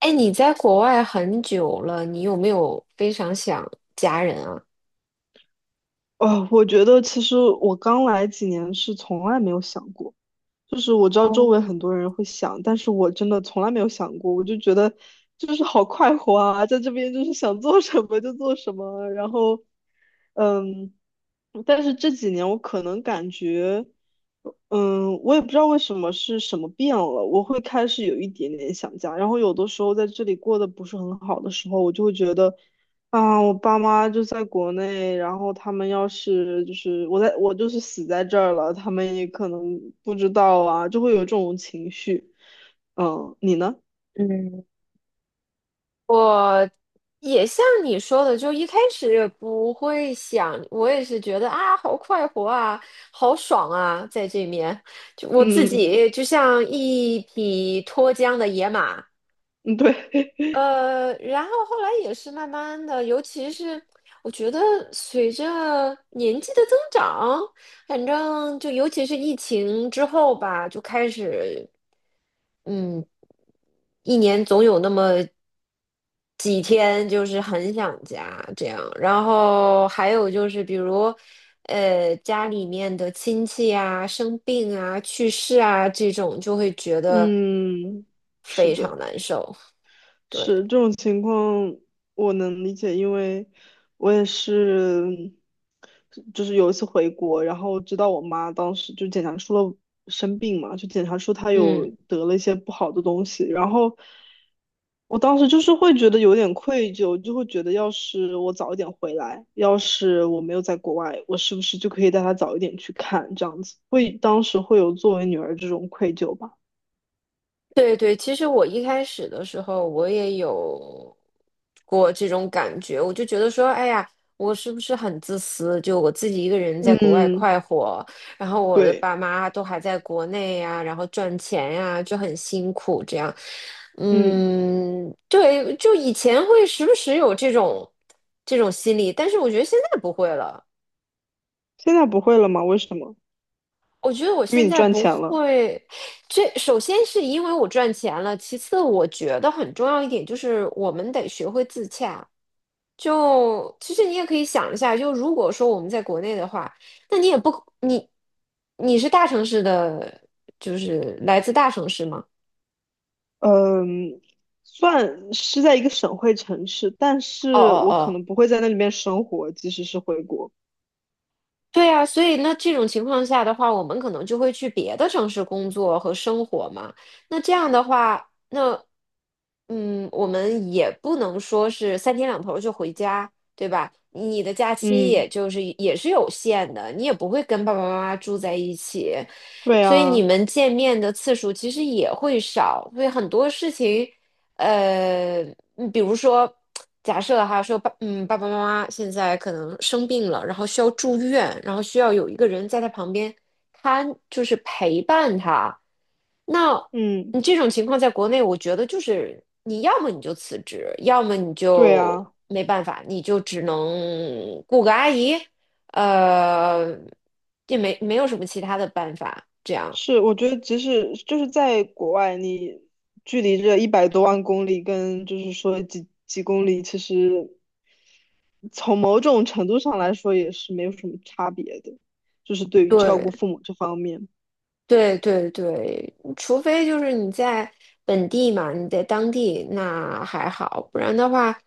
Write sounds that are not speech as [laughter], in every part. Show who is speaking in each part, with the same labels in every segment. Speaker 1: 哎，你在国外很久了，你有没有非常想家人啊？
Speaker 2: 哦，我觉得其实我刚来几年是从来没有想过，就是我知道周围
Speaker 1: 哦，
Speaker 2: 很多人会想，但是我真的从来没有想过，我就觉得就是好快活啊，在这边就是想做什么就做什么，然后，嗯，但是这几年我可能感觉，我也不知道为什么是什么变了，我会开始有一点点想家，然后有的时候在这里过得不是很好的时候，我就会觉得。啊，我爸妈就在国内，然后他们要是就是我就是死在这儿了，他们也可能不知道啊，就会有这种情绪。嗯，你呢？
Speaker 1: 嗯，也像你说的，就一开始也不会想，我也是觉得啊，好快活啊，好爽啊，在这面，就我自
Speaker 2: 嗯
Speaker 1: 己就像一匹脱缰的野马，
Speaker 2: 嗯，对，
Speaker 1: 然后后来也是慢慢的，尤其是我觉得随着年纪的增长，反正就尤其是疫情之后吧，就开始。嗯，一年总有那么几天就是很想家这样，然后还有就是比如，家里面的亲戚啊、生病啊、去世啊这种，就会觉
Speaker 2: [laughs]
Speaker 1: 得
Speaker 2: 嗯，是
Speaker 1: 非常
Speaker 2: 的。
Speaker 1: 难受。对，
Speaker 2: 是这种情况，我能理解，因为我也是，就是有一次回国，然后知道我妈当时就检查出了生病嘛，就检查出她有
Speaker 1: 嗯。
Speaker 2: 得了一些不好的东西，然后我当时就是会觉得有点愧疚，就会觉得要是我早一点回来，要是我没有在国外，我是不是就可以带她早一点去看，这样子，当时会有作为女儿这种愧疚吧。
Speaker 1: 对对，其实我一开始的时候，我也有过这种感觉，我就觉得说，哎呀，我是不是很自私？就我自己一个人在国外
Speaker 2: 嗯，
Speaker 1: 快活，然后我的
Speaker 2: 对，
Speaker 1: 爸妈都还在国内呀，然后赚钱呀，就很辛苦这样。
Speaker 2: 嗯。
Speaker 1: 嗯，对，就以前会时不时有这种心理，但是我觉得现在不会了。
Speaker 2: 现在不会了吗？为什么？
Speaker 1: 我觉得我
Speaker 2: 因为
Speaker 1: 现
Speaker 2: 你
Speaker 1: 在
Speaker 2: 赚
Speaker 1: 不
Speaker 2: 钱了。
Speaker 1: 会，这首先是因为我赚钱了，其次我觉得很重要一点就是我们得学会自洽。就其实你也可以想一下，就如果说我们在国内的话，那你也不你你是大城市的，就是来自大城市吗？
Speaker 2: 嗯，算是在一个省会城市，但
Speaker 1: 哦
Speaker 2: 是
Speaker 1: 哦
Speaker 2: 我可
Speaker 1: 哦。
Speaker 2: 能不会在那里面生活，即使是回国。
Speaker 1: 对啊，所以那这种情况下的话，我们可能就会去别的城市工作和生活嘛。那这样的话，那嗯，我们也不能说是三天两头儿就回家，对吧？你的假期
Speaker 2: 嗯，
Speaker 1: 也就是也是有限的，你也不会跟爸爸妈妈住在一起，
Speaker 2: 对
Speaker 1: 所以你
Speaker 2: 啊，
Speaker 1: 们见面的次数其实也会少，所以很多事情。呃，比如说，假设哈，说爸，嗯，爸爸妈妈现在可能生病了，然后需要住院，然后需要有一个人在他旁边看，就是陪伴他。那
Speaker 2: 嗯，
Speaker 1: 你这种情况在国内，我觉得就是你要么你就辞职，要么你
Speaker 2: 对
Speaker 1: 就
Speaker 2: 啊，
Speaker 1: 没办法，你就只能雇个阿姨，呃，也没有什么其他的办法，这样。
Speaker 2: 是，我觉得即使就是在国外，你距离这一百多万公里跟就是说几几公里，其实从某种程度上来说也是没有什么差别的，就是对于照顾
Speaker 1: 对
Speaker 2: 父母这方面。
Speaker 1: 对对对，除非就是你在本地嘛，你在当地那还好，不然的话，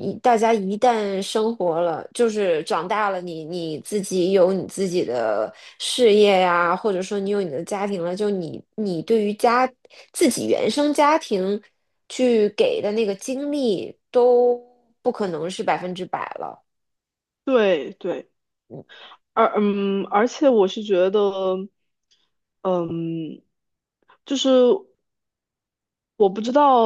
Speaker 1: 一大家一旦生活了，就是长大了你，你自己有你自己的事业呀，或者说你有你的家庭了，就你对于家自己原生家庭去给的那个精力都不可能是百分之百了。
Speaker 2: 对对。
Speaker 1: 嗯
Speaker 2: 而且我是觉得，嗯，就是我不知道，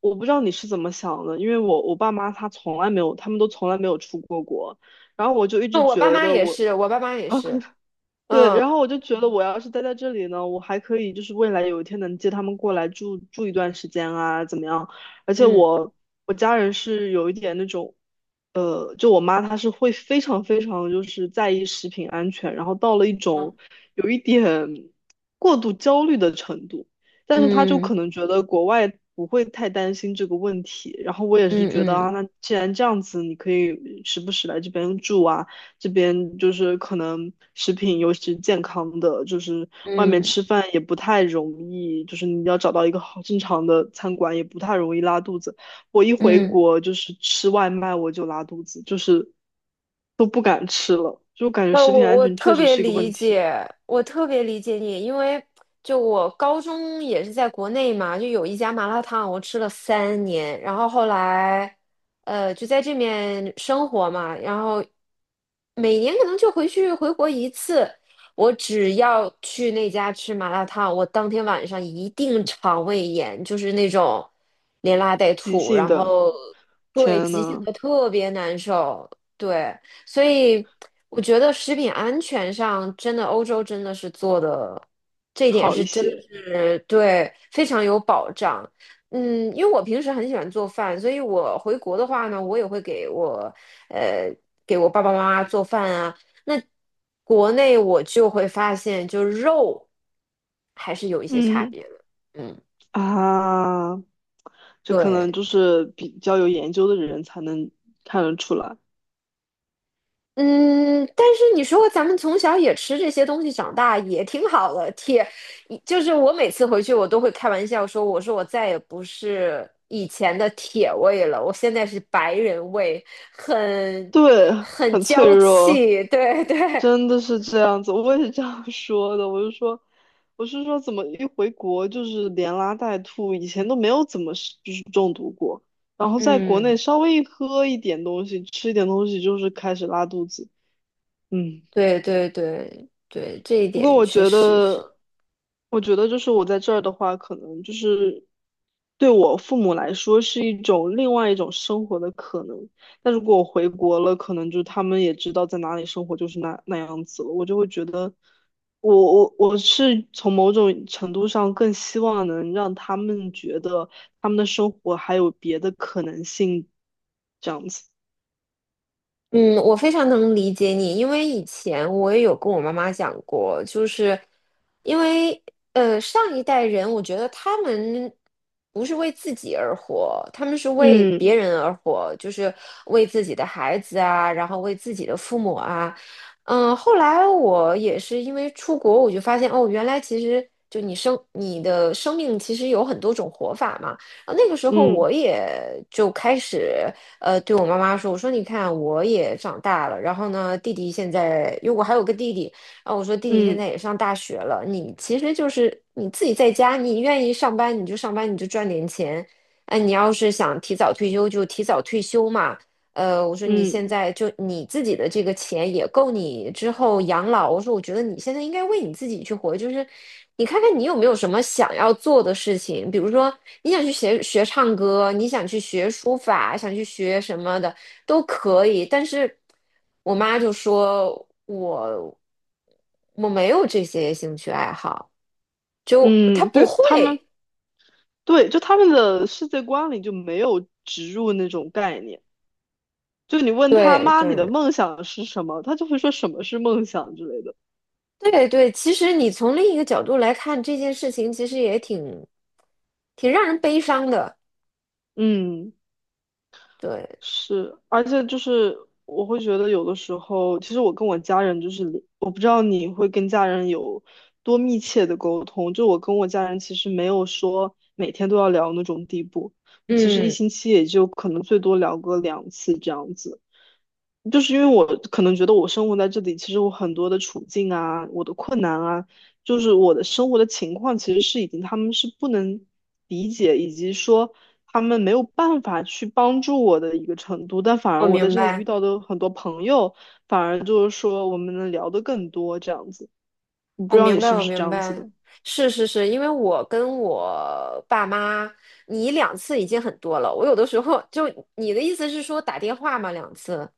Speaker 2: 我不知道你是怎么想的，因为我爸妈他从来没有，他们都从来没有出过国，然后我就一
Speaker 1: 那
Speaker 2: 直
Speaker 1: 我
Speaker 2: 觉
Speaker 1: 爸妈
Speaker 2: 得
Speaker 1: 也
Speaker 2: 我，
Speaker 1: 是，我爸妈也
Speaker 2: [laughs]
Speaker 1: 是，
Speaker 2: 对，
Speaker 1: 嗯
Speaker 2: 然后我就觉得我要是待在这里呢，我还可以就是未来有一天能接他们过来住住一段时间啊，怎么样？而且
Speaker 1: 嗯
Speaker 2: 我家人是有一点那种，就我妈她是会非常非常就是在意食品安全，然后到了一种
Speaker 1: 嗯
Speaker 2: 有一点过度焦虑的程度，但是她就
Speaker 1: 嗯
Speaker 2: 可能觉得国外不会太担心这个问题，然后我也是
Speaker 1: 嗯
Speaker 2: 觉得
Speaker 1: 嗯。
Speaker 2: 啊，
Speaker 1: 嗯
Speaker 2: 那既然这样子，你可以时不时来这边住啊。这边就是可能食品，尤其是健康的，就是外面
Speaker 1: 嗯
Speaker 2: 吃饭也不太容易，就是你要找到一个好正常的餐馆也不太容易拉肚子。我一回
Speaker 1: 嗯，
Speaker 2: 国就是吃外卖我就拉肚子，就是都不敢吃了，就感觉食
Speaker 1: 我
Speaker 2: 品安
Speaker 1: 我
Speaker 2: 全
Speaker 1: 特
Speaker 2: 确实
Speaker 1: 别
Speaker 2: 是一个
Speaker 1: 理
Speaker 2: 问题。
Speaker 1: 解，我特别理解你，因为就我高中也是在国内嘛，就有一家麻辣烫，我吃了三年，然后后来，就在这面生活嘛，然后每年可能就回去回国一次，我只要去那家吃麻辣烫，我当天晚上一定肠胃炎，就是那种连拉带
Speaker 2: 急
Speaker 1: 吐，
Speaker 2: 性
Speaker 1: 然
Speaker 2: 的，
Speaker 1: 后对，
Speaker 2: 天
Speaker 1: 急性
Speaker 2: 呐，
Speaker 1: 的特别难受，对。所以我觉得食品安全上，真的欧洲真的是做的，这一点
Speaker 2: 好一
Speaker 1: 是真的
Speaker 2: 些。
Speaker 1: 是对非常有保障。嗯，因为我平时很喜欢做饭，所以我回国的话呢，我也会给我呃给我爸爸妈妈做饭啊。那国内我就会发现，就肉还是有一些差
Speaker 2: 嗯
Speaker 1: 别的。嗯，
Speaker 2: 啊，这可
Speaker 1: 对。
Speaker 2: 能就是比较有研究的人才能看得出来，
Speaker 1: 嗯，但是你说咱们从小也吃这些东西长大，也挺好的。铁，就是我每次回去，我都会开玩笑说，我说我再也不是以前的铁胃了，我现在是白人胃，很
Speaker 2: 对，
Speaker 1: 很
Speaker 2: 很脆
Speaker 1: 娇
Speaker 2: 弱。
Speaker 1: 气。对对，
Speaker 2: 真的是这样子，我也是这样 [laughs] 说的。我就说，我是说，怎么一回国就是连拉带吐，以前都没有怎么是就是中毒过，然后在国内
Speaker 1: 嗯，
Speaker 2: 稍微一喝一点东西，吃一点东西，就是开始拉肚子。嗯，
Speaker 1: 对对对对，这一
Speaker 2: 不过
Speaker 1: 点
Speaker 2: 我
Speaker 1: 确
Speaker 2: 觉
Speaker 1: 实是。
Speaker 2: 得，我觉得就是我在这儿的话，可能就是对我父母来说是一种另外一种生活的可能。但如果我回国了，可能就他们也知道在哪里生活就是那那样子了，我就会觉得我，我是从某种程度上更希望能让他们觉得他们的生活还有别的可能性，这样子。
Speaker 1: 嗯，我非常能理解你，因为以前我也有跟我妈妈讲过，就是因为上一代人，我觉得他们不是为自己而活，他们是为别
Speaker 2: 嗯
Speaker 1: 人而活，就是为自己的孩子啊，然后为自己的父母啊。嗯，后来我也是因为出国，我就发现哦，原来其实就你生你的生命其实有很多种活法嘛。啊，那个时候
Speaker 2: 嗯
Speaker 1: 我也就开始。对我妈妈说，我说你看我也长大了，然后呢，弟弟现在，因为我还有个弟弟，然后我说弟弟现
Speaker 2: 嗯
Speaker 1: 在也上大学了，你其实就是你自己在家，你愿意上班你就上班，你就赚点钱，哎，你要是想提早退休就提早退休嘛，我说你现
Speaker 2: 嗯
Speaker 1: 在就你自己的这个钱也够你之后养老。我说，我觉得你现在应该为你自己去活，就是你看看你有没有什么想要做的事情，比如说你想去学学唱歌，你想去学书法，想去学什么的都可以。但是我妈就说我没有这些兴趣爱好，就她
Speaker 2: 嗯，
Speaker 1: 不
Speaker 2: 对他们。
Speaker 1: 会。
Speaker 2: 对，就他们的世界观里就没有植入那种概念。就你问他
Speaker 1: 对
Speaker 2: 妈，你的
Speaker 1: 对。
Speaker 2: 梦想是什么？他就会说什么是梦想之类的。
Speaker 1: 对对，其实你从另一个角度来看这件事情，其实也挺让人悲伤的。
Speaker 2: 嗯，
Speaker 1: 对，
Speaker 2: 是，而且就是我会觉得有的时候，其实我跟我家人就是，我不知道你会跟家人有多密切的沟通。就我跟我家人其实没有说每天都要聊那种地步，其实一
Speaker 1: 嗯，
Speaker 2: 星期也就可能最多聊个两次这样子。就是因为我可能觉得我生活在这里，其实我很多的处境啊，我的困难啊，就是我的生活的情况，其实是已经他们是不能理解，以及说他们没有办法去帮助我的一个程度。但反而
Speaker 1: 我
Speaker 2: 我在
Speaker 1: 明
Speaker 2: 这里遇
Speaker 1: 白，
Speaker 2: 到的很多朋友，反而就是说我们能聊得更多这样子。我不
Speaker 1: 我
Speaker 2: 知道你
Speaker 1: 明白，
Speaker 2: 是不
Speaker 1: 我
Speaker 2: 是这
Speaker 1: 明
Speaker 2: 样子
Speaker 1: 白。
Speaker 2: 的，
Speaker 1: 是是是，因为我跟我爸妈，你两次已经很多了。我有的时候就你的意思是说打电话嘛，两次。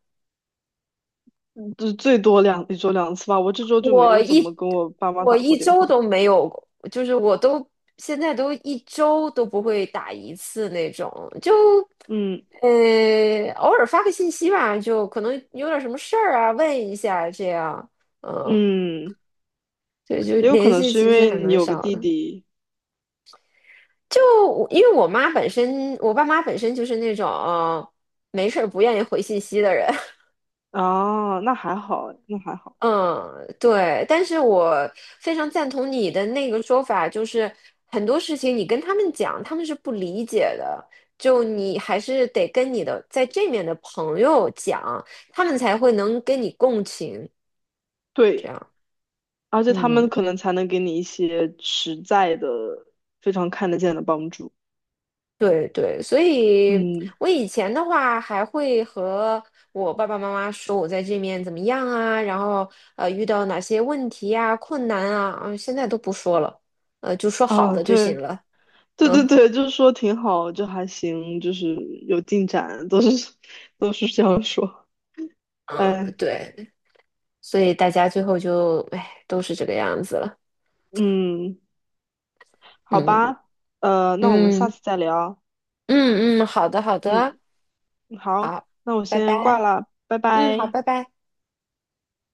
Speaker 2: 嗯就最多两一周两次吧。我这周就没
Speaker 1: 我
Speaker 2: 有怎么
Speaker 1: 一
Speaker 2: 跟我爸妈
Speaker 1: 我
Speaker 2: 打
Speaker 1: 一
Speaker 2: 过电
Speaker 1: 周
Speaker 2: 话。
Speaker 1: 都没有，就是我都现在都一周都不会打一次那种，就
Speaker 2: 嗯
Speaker 1: 偶尔发个信息吧，就可能有点什么事儿啊，问一下这样，嗯，
Speaker 2: 嗯，
Speaker 1: 对，就
Speaker 2: 也有可
Speaker 1: 联
Speaker 2: 能
Speaker 1: 系
Speaker 2: 是因
Speaker 1: 其实
Speaker 2: 为
Speaker 1: 还
Speaker 2: 你
Speaker 1: 蛮
Speaker 2: 有个
Speaker 1: 少
Speaker 2: 弟
Speaker 1: 的。
Speaker 2: 弟。
Speaker 1: 就我因为我妈本身，我爸妈本身就是那种，没事儿不愿意回信息的人，
Speaker 2: 啊，那还好，那还好。
Speaker 1: 嗯，对，但是我非常赞同你的那个说法，就是很多事情你跟他们讲，他们是不理解的，就你还是得跟你的在这面的朋友讲，他们才会能跟你共情，这
Speaker 2: 对，
Speaker 1: 样，
Speaker 2: 而且他
Speaker 1: 嗯，
Speaker 2: 们可能才能给你一些实在的、非常看得见的帮助。
Speaker 1: 对对，所以
Speaker 2: 嗯，
Speaker 1: 我以前的话还会和我爸爸妈妈说我在这面怎么样啊，然后遇到哪些问题呀、困难啊，嗯，现在都不说了，就说好
Speaker 2: 啊，
Speaker 1: 的就行
Speaker 2: 对，
Speaker 1: 了。
Speaker 2: 对对
Speaker 1: 嗯。
Speaker 2: 对，就是说挺好，就还行，就是有进展，都是 [laughs] 都是这样说。
Speaker 1: 嗯，
Speaker 2: 哎，
Speaker 1: 对，所以大家最后就，哎，都是这个样子了。
Speaker 2: 嗯，好
Speaker 1: 嗯
Speaker 2: 吧，那我们下
Speaker 1: 嗯
Speaker 2: 次再聊。
Speaker 1: 嗯嗯，好的好的，
Speaker 2: 嗯，好，
Speaker 1: 好，
Speaker 2: 那我
Speaker 1: 拜
Speaker 2: 先挂
Speaker 1: 拜。
Speaker 2: 了，拜
Speaker 1: 嗯，好，
Speaker 2: 拜。
Speaker 1: 拜拜。